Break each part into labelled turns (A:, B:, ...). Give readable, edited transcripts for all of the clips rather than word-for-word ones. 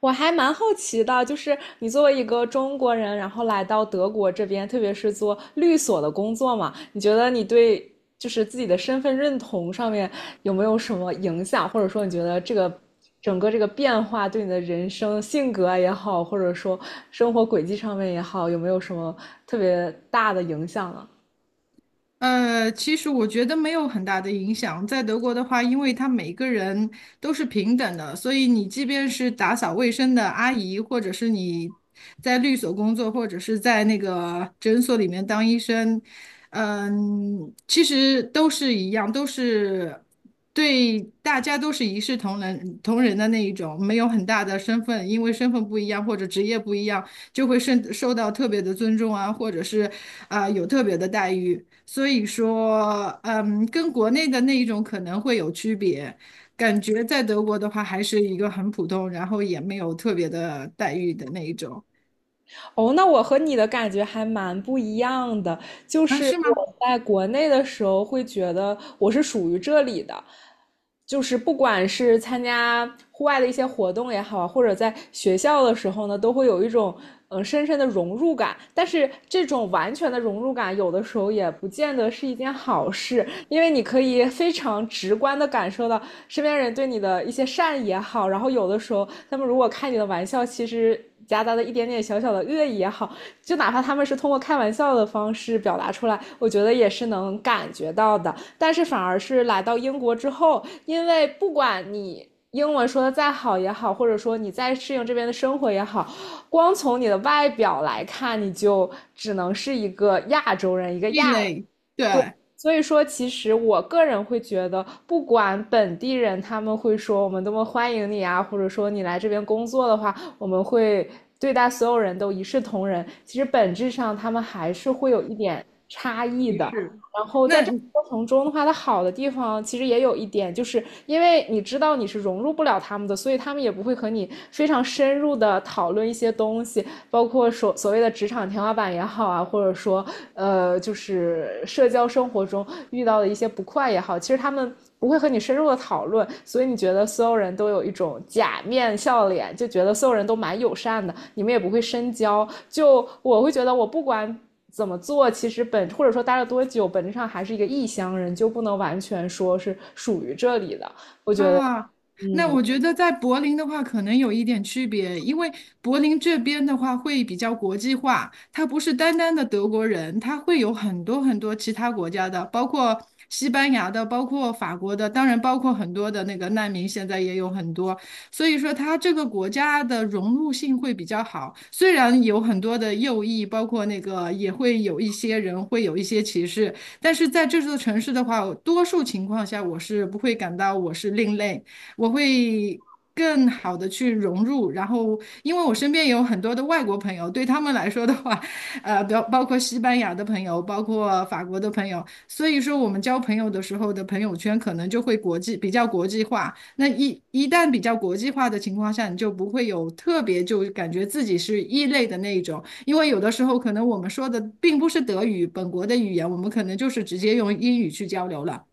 A: 我还蛮好奇的，就是你作为一个中国人，然后来到德国这边，特别是做律所的工作嘛，你觉得你对就是自己的身份认同上面有没有什么影响，或者说你觉得这个整个这个变化对你的人生性格也好，或者说生活轨迹上面也好，有没有什么特别大的影响呢？
B: 其实我觉得没有很大的影响。在德国的话，因为他每个人都是平等的，所以你即便是打扫卫生的阿姨，或者是你在律所工作，或者是在那个诊所里面当医生，嗯，其实都是一样，都是对大家都是一视同仁的那一种，没有很大的身份，因为身份不一样或者职业不一样，就会受到特别的尊重啊，或者是有特别的待遇。所以说，嗯，跟国内的那一种可能会有区别。感觉在德国的话，还是一个很普通，然后也没有特别的待遇的那一种。
A: 哦，那我和你的感觉还蛮不一样的，就
B: 啊，
A: 是
B: 是吗？
A: 我在国内的时候会觉得我是属于这里的，就是不管是参加户外的一些活动也好啊，或者在学校的时候呢，都会有一种深深的融入感。但是这种完全的融入感，有的时候也不见得是一件好事，因为你可以非常直观的感受到身边人对你的一些善意也好，然后有的时候他们如果开你的玩笑，其实夹杂的一点点小小的恶意也好，就哪怕他们是通过开玩笑的方式表达出来，我觉得也是能感觉到的。但是反而是来到英国之后，因为不管你英文说的再好也好，或者说你再适应这边的生活也好，光从你的外表来看，你就只能是一个亚洲人，一个
B: 异
A: 亚
B: 类，对，
A: 所以说，其实我个人会觉得，不管本地人他们会说我们多么欢迎你啊，或者说你来这边工作的话，我们会对待所有人都一视同仁。其实本质上，他们还是会有一点差异
B: 歧
A: 的。
B: 是。
A: 然后在这个
B: 那
A: 过程中的话，它好的地方其实也有一点，就是因为你知道你是融入不了他们的，所以他们也不会和你非常深入的讨论一些东西，包括所谓的职场天花板也好啊，或者说就是社交生活中遇到的一些不快也好，其实他们不会和你深入的讨论，所以你觉得所有人都有一种假面笑脸，就觉得所有人都蛮友善的，你们也不会深交。就我会觉得，我不管怎么做，其实本或者说待了多久，本质上还是一个异乡人，就不能完全说是属于这里的。我觉得，
B: 啊，那
A: 嗯，
B: 我觉得在柏林的话，可能有一点区别，因为柏林这边的话会比较国际化，它不是单单的德国人，它会有很多很多其他国家的，包括西班牙的，包括法国的，当然包括很多的那个难民，现在也有很多，所以说它这个国家的融入性会比较好。虽然有很多的右翼，包括那个也会有一些人会有一些歧视，但是在这座城市的话，多数情况下我是不会感到我是另类，我会更好的去融入。然后，因为我身边也有很多的外国朋友，对他们来说的话，包括西班牙的朋友，包括法国的朋友，所以说我们交朋友的时候的朋友圈可能就会比较国际化。那一旦比较国际化的情况下，你就不会有特别就感觉自己是异类的那一种。因为有的时候可能我们说的并不是德语本国的语言，我们可能就是直接用英语去交流了。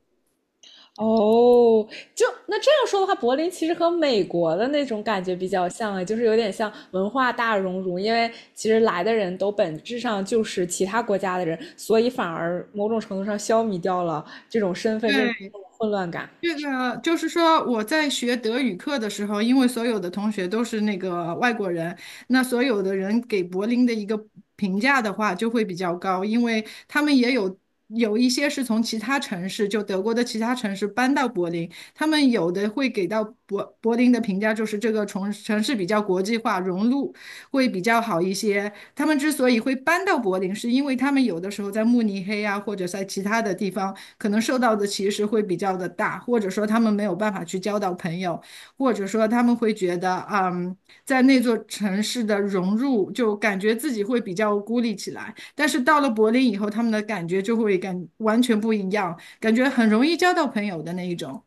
A: 哦，就那这样说的话，柏林其实和美国的那种感觉比较像啊，就是有点像文化大熔炉，因为其实来的人都本质上就是其他国家的人，所以反而某种程度上消弭掉了这种身份认
B: 对，
A: 混乱感。
B: 这个就是说，我在学德语课的时候，因为所有的同学都是那个外国人，那所有的人给柏林的一个评价的话就会比较高，因为他们也有一些是从其他城市，就德国的其他城市搬到柏林，他们有的会给到柏林的评价就是这个城市比较国际化，融入会比较好一些。他们之所以会搬到柏林，是因为他们有的时候在慕尼黑啊，或者在其他的地方。可能受到的歧视会比较的大，或者说他们没有办法去交到朋友，或者说他们会觉得，嗯，在那座城市的融入，就感觉自己会比较孤立起来。但是到了柏林以后，他们的感觉就会感完全不一样，感觉很容易交到朋友的那一种。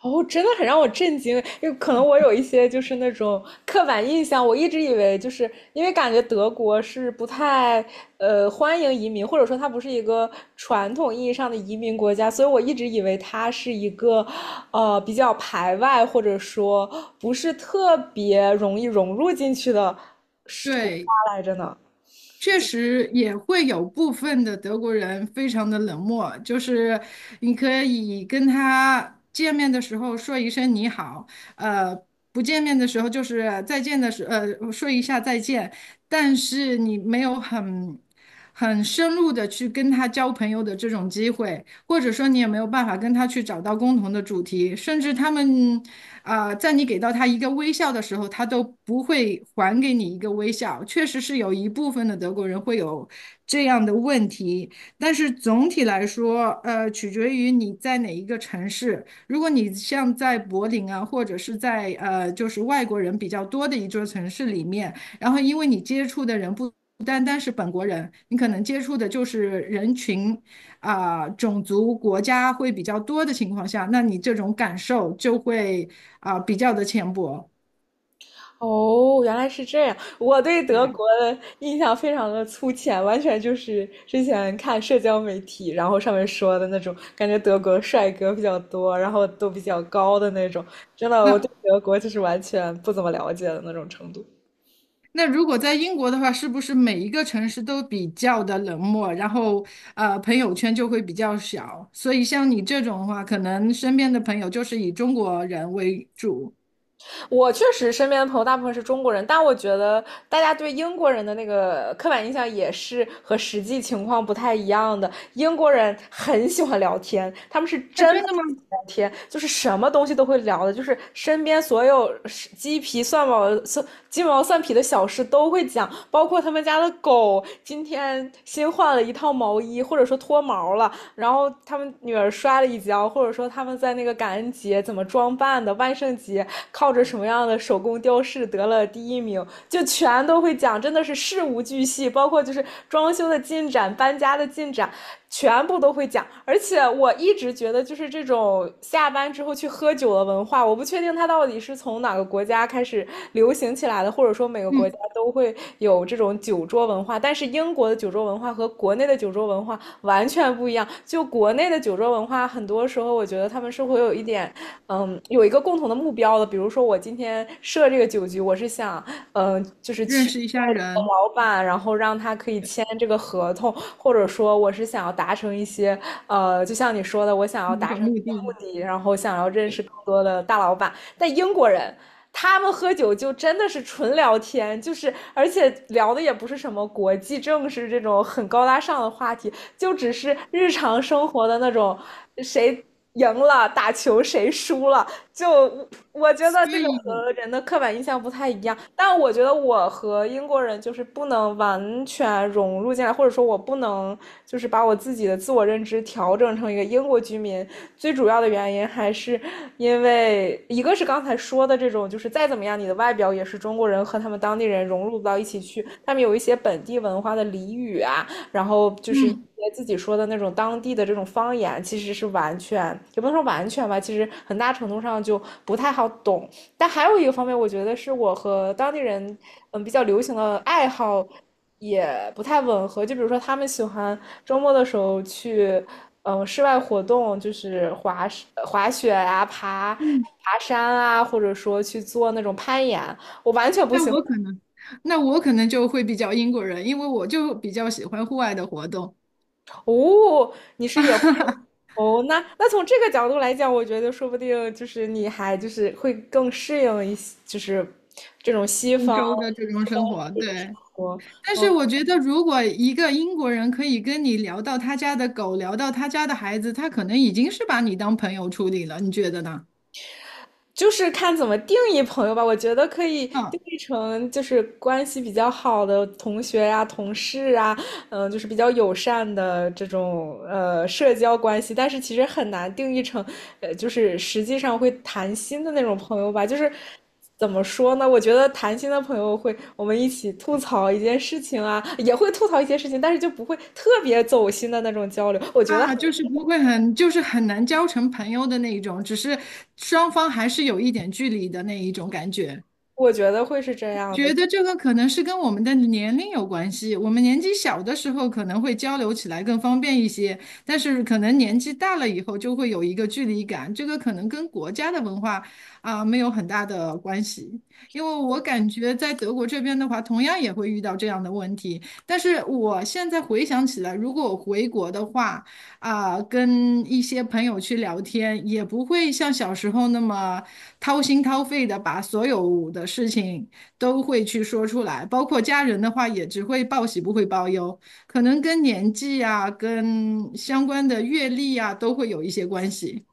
A: 哦，真的很让我震惊，因为可能我有一些就是那种刻板印象，我一直以为就是因为感觉德国是不太欢迎移民，或者说它不是一个传统意义上的移民国家，所以我一直以为它是一个比较排外，或者说不是特别容易融入进去的
B: 对，
A: 来着呢。
B: 确实也会有部分的德国人非常的冷漠，就是你可以跟他见面的时候说一声你好，呃，不见面的时候就是再见的时，说一下再见，但是你没有很深入的去跟他交朋友的这种机会，或者说你也没有办法跟他去找到共同的主题，甚至他们在你给到他一个微笑的时候，他都不会还给你一个微笑。确实是有一部分的德国人会有这样的问题，但是总体来说，取决于你在哪一个城市。如果你像在柏林啊，或者是在就是外国人比较多的一座城市里面，然后因为你接触的人不。不单单是本国人，你可能接触的就是人群，种族国家会比较多的情况下，那你这种感受就会比较的浅薄。
A: 哦，原来是这样。我对德国的印象非常的粗浅，完全就是之前看社交媒体，然后上面说的那种，感觉德国帅哥比较多，然后都比较高的那种。真的，我对
B: 那
A: 德国就是完全不怎么了解的那种程度。
B: 那如果在英国的话，是不是每一个城市都比较的冷漠，然后朋友圈就会比较小？所以像你这种的话，可能身边的朋友就是以中国人为主。
A: 我确实身边的朋友大部分是中国人，但我觉得大家对英国人的那个刻板印象也是和实际情况不太一样的。英国人很喜欢聊天，他们是
B: 那
A: 真的
B: 真的吗？
A: 聊天，就是什么东西都会聊的，就是身边所有鸡皮蒜毛、鸡毛蒜皮的小事都会讲，包括他们家的狗今天新换了一套毛衣，或者说脱毛了，然后他们女儿摔了一跤，或者说他们在那个感恩节怎么装扮的，万圣节靠着什么样的手工雕饰得了第一名，就全都会讲，真的是事无巨细，包括就是装修的进展、搬家的进展，全部都会讲。而且我一直觉得，就是这种下班之后去喝酒的文化，我不确定它到底是从哪个国家开始流行起来的，或者说每个国家
B: 嗯，
A: 都会有这种酒桌文化。但是英国的酒桌文化和国内的酒桌文化完全不一样。就国内的酒桌文化，很多时候我觉得他们是会有一点有一个共同的目标的。比如说我今天设这个酒局，我是想就是
B: 认
A: 去
B: 识一下人，
A: 老板，然后让他可以签这个合同，或者说我是想要达成一些，就像你说的，我想要
B: 一
A: 达成一
B: 种目的。
A: 些目的，然后想要认识更
B: 对，
A: 多的大老板。但英国人他们喝酒就真的是纯聊天，就是而且聊的也不是什么国际政治这种很高大上的话题，就只是日常生活的那种谁赢了，打球谁输了，就我觉得这
B: 所
A: 个
B: 以，
A: 和人的刻板印象不太一样。但我觉得我和英国人就是不能完全融入进来，或者说我不能就是把我自己的自我认知调整成一个英国居民。最主要的原因还是因为一个是刚才说的这种，就是再怎么样，你的外表也是中国人和他们当地人融入不到一起去，他们有一些本地文化的俚语啊，然后就是
B: 嗯
A: 自己说的那种当地的这种方言，其实是完全也不能说完全吧，其实很大程度上就不太好懂。但还有一个方面，我觉得是我和当地人比较流行的爱好也不太吻合。就比如说，他们喜欢周末的时候去室外活动，就是滑雪啊、
B: 嗯。
A: 爬山啊，或者说去做那种攀岩。我完全不
B: 那
A: 喜欢。
B: 我可能，那我可能就会比较英国人，因为我就比较喜欢户外的活动，
A: 哦，你是野哦，那从这个角度来讲，我觉得说不定就是你还就是会更适应一些，就是这种西
B: 欧
A: 方
B: 洲的这种
A: 西方
B: 生活。
A: 这种生
B: 对，
A: 活。
B: 但是我
A: 嗯
B: 觉得，如果一个英国人可以跟你聊到他家的狗，聊到他家的孩子，他可能已经是把你当朋友处理了，你觉得呢？
A: 就是看怎么定义朋友吧，我觉得可以
B: 嗯，
A: 定义成就是关系比较好的同学呀、同事啊，就是比较友善的这种社交关系。但是其实很难定义成，就是实际上会谈心的那种朋友吧。就是怎么说呢？我觉得谈心的朋友会我们一起吐槽一件事情啊，也会吐槽一些事情，但是就不会特别走心的那种交流。我觉得，
B: 啊，就是不会很，就是很难交成朋友的那一种，只是双方还是有一点距离的那一种感觉。
A: 我觉得会是这样
B: 觉
A: 的。
B: 得这个可能是跟我们的年龄有关系。我们年纪小的时候可能会交流起来更方便一些，但是可能年纪大了以后就会有一个距离感。这个可能跟国家的文化啊，没有很大的关系。因为我感觉在德国这边的话，同样也会遇到这样的问题。但是我现在回想起来，如果我回国的话，啊，跟一些朋友去聊天，也不会像小时候那么掏心掏肺的把所有的事情。都会去说出来，包括家人的话也只会报喜不会报忧，可能跟年纪啊、跟相关的阅历啊都会有一些关系。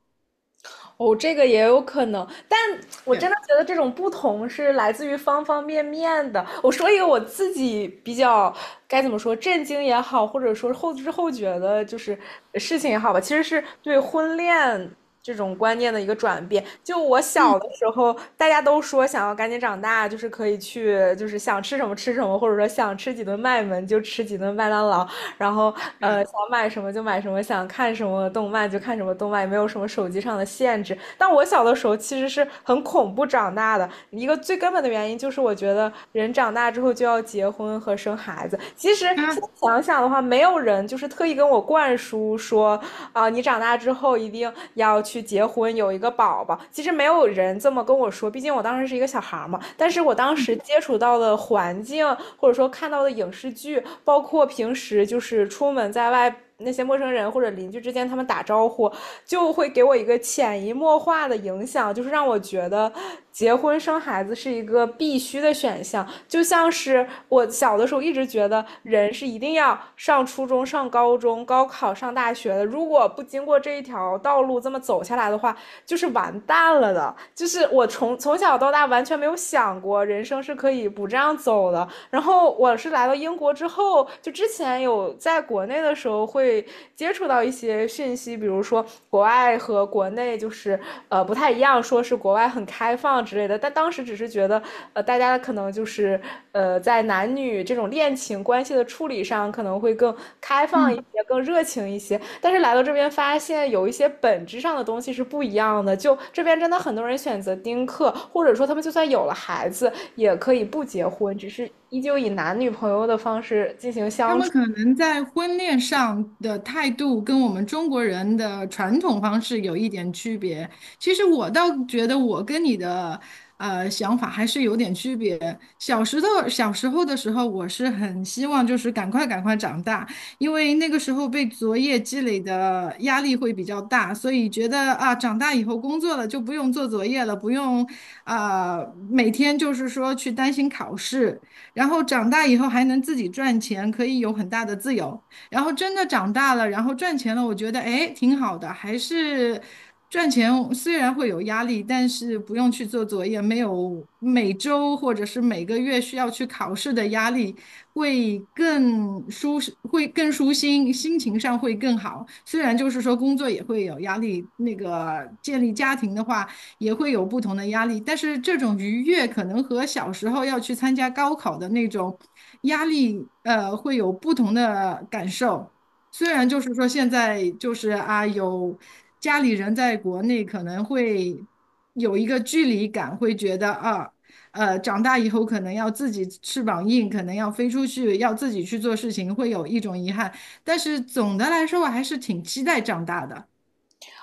A: 哦，这个也有可能，但我
B: 对，
A: 真的觉得这种不同是来自于方方面面的。我说一个我自己比较该怎么说，震惊也好，或者说后知后觉的，就是事情也好吧，其实是对婚恋这种观念的一个转变。就我
B: 嗯，
A: 小的时候，大家都说想要赶紧长大，就是可以去，就是想吃什么吃什么，或者说想吃几顿麦门就吃几顿麦当劳。然后
B: 对啊，
A: 想买什么就买什么，想看什么动漫就看什么动漫，也没有什么手机上的限制。但我小的时候其实是很恐怖长大的，一个最根本的原因就是我觉得人长大之后就要结婚和生孩子。其实现
B: 啊
A: 在想想的话，没有人就是特意跟我灌输说啊，你长大之后一定要去结婚，有一个宝宝。其实没有人这么跟我说，毕竟我当时是一个小孩嘛。但是我当时接触到的环境，或者说看到的影视剧，包括平时就是出门在外。那些陌生人或者邻居之间，他们打招呼就会给我一个潜移默化的影响，就是让我觉得结婚生孩子是一个必须的选项，就像是我小的时候一直觉得人是一定要上初中、上高中、高考、上大学的，如果不经过这一条道路这么走下来的话，就是完蛋了的，就是我从小到大完全没有想过人生是可以不这样走的。然后我是来到英国之后，就之前有在国内的时候会接触到一些讯息，比如说国外和国内就是不太一样，说是国外很开放之类的，但当时只是觉得大家可能就是在男女这种恋情关系的处理上，可能会更开放一
B: 嗯。
A: 些，更热情一些。但是来到这边，发现有一些本质上的东西是不一样的。就这边真的很多人选择丁克，或者说他们就算有了孩子，也可以不结婚，只是依旧以男女朋友的方式进行
B: 他
A: 相
B: 们
A: 处。
B: 可能在婚恋上的态度跟我们中国人的传统方式有一点区别。其实我倒觉得我跟你的想法还是有点区别。小时候的时候，我是很希望就是赶快长大，因为那个时候被作业积累的压力会比较大，所以觉得啊长大以后工作了就不用做作业了，不用啊、每天就是说去担心考试。然后长大以后还能自己赚钱，可以有很大的自由。然后真的长大了，然后赚钱了，我觉得哎挺好的，还是赚钱虽然会有压力，但是不用去做作业，没有每周或者是每个月需要去考试的压力，会更舒适，会更舒心，心情上会更好。虽然就是说工作也会有压力，那个建立家庭的话。也会有不同的压力，但是这种愉悦可能和小时候要去参加高考的那种压力，会有不同的感受。虽然就是说现在就是啊，有家里人在国内可能会有一个距离感，会觉得啊，长大以后可能要自己翅膀硬，可能要飞出去，要自己去做事情，会有一种遗憾。但是总的来说，我还是挺期待长大的。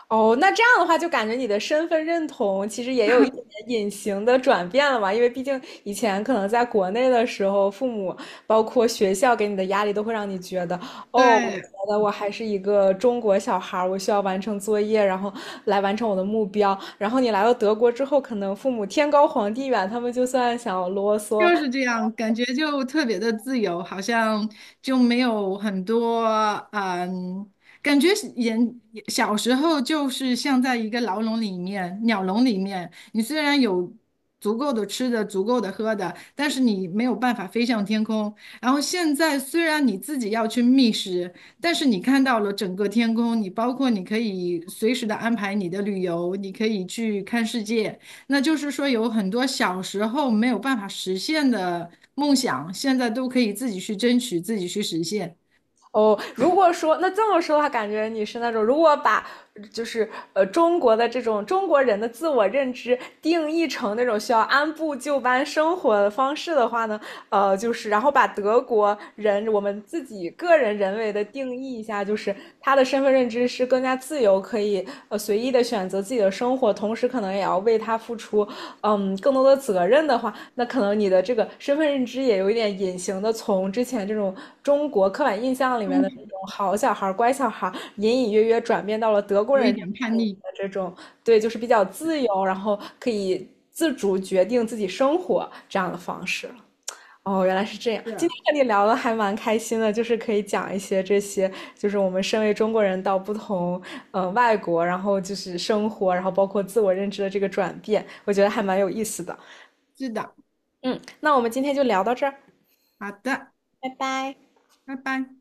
A: 哦，那这样的话，就感觉你的身份认同其实也有一点点隐形的转变了嘛，因为毕竟以前可能在国内的时候，父母包括学校给你的压力，都会让你觉得，哦，我
B: 对，
A: 觉得我还是一个中国小孩儿，我需要完成作业，然后来完成我的目标。然后你来到德国之后，可能父母天高皇帝远，他们就算想啰
B: 就
A: 嗦，
B: 是这样，感觉就特别的自由，好像就没有很多，嗯，感觉是人小时候就是像在一个牢笼里面、鸟笼里面，你虽然有足够的吃的、足够的喝的，但是你没有办法飞向天空。然后现在虽然你自己要去觅食，但是你看到了整个天空，你包括你可以随时的安排你的旅游，你可以去看世界。那就是说，有很多小时候没有办法实现的梦想，现在都可以自己去争取，自己去实现。
A: 哦，如果说那这么说的话，感觉你是那种如果把就是中国的这种中国人的自我认知定义成那种需要按部就班生活的方式的话呢，就是然后把德国人我们自己个人人为的定义一下，就是他的身份认知是更加自由，可以随意的选择自己的生活，同时可能也要为他付出嗯更多的责任的话，那可能你的这个身份认知也有一点隐形的从之前这种中国刻板印象里面
B: 中
A: 的那
B: 途
A: 种好小孩乖小孩隐隐约约转变到了德国
B: 有
A: 人
B: 一
A: 的
B: 点叛逆，
A: 这种对，就是比较自由，然后可以自主决定自己生活这样的方式。哦，原来是这样。今
B: 是
A: 天和你聊的还蛮开心的，就是可以讲一些这些，就是我们身为中国人到不同外国，然后就是生活，然后包括自我认知的这个转变，我觉得还蛮有意思的。
B: 是的，
A: 嗯，那我们今天就聊到这儿，
B: 好的，
A: 拜拜。
B: 拜拜。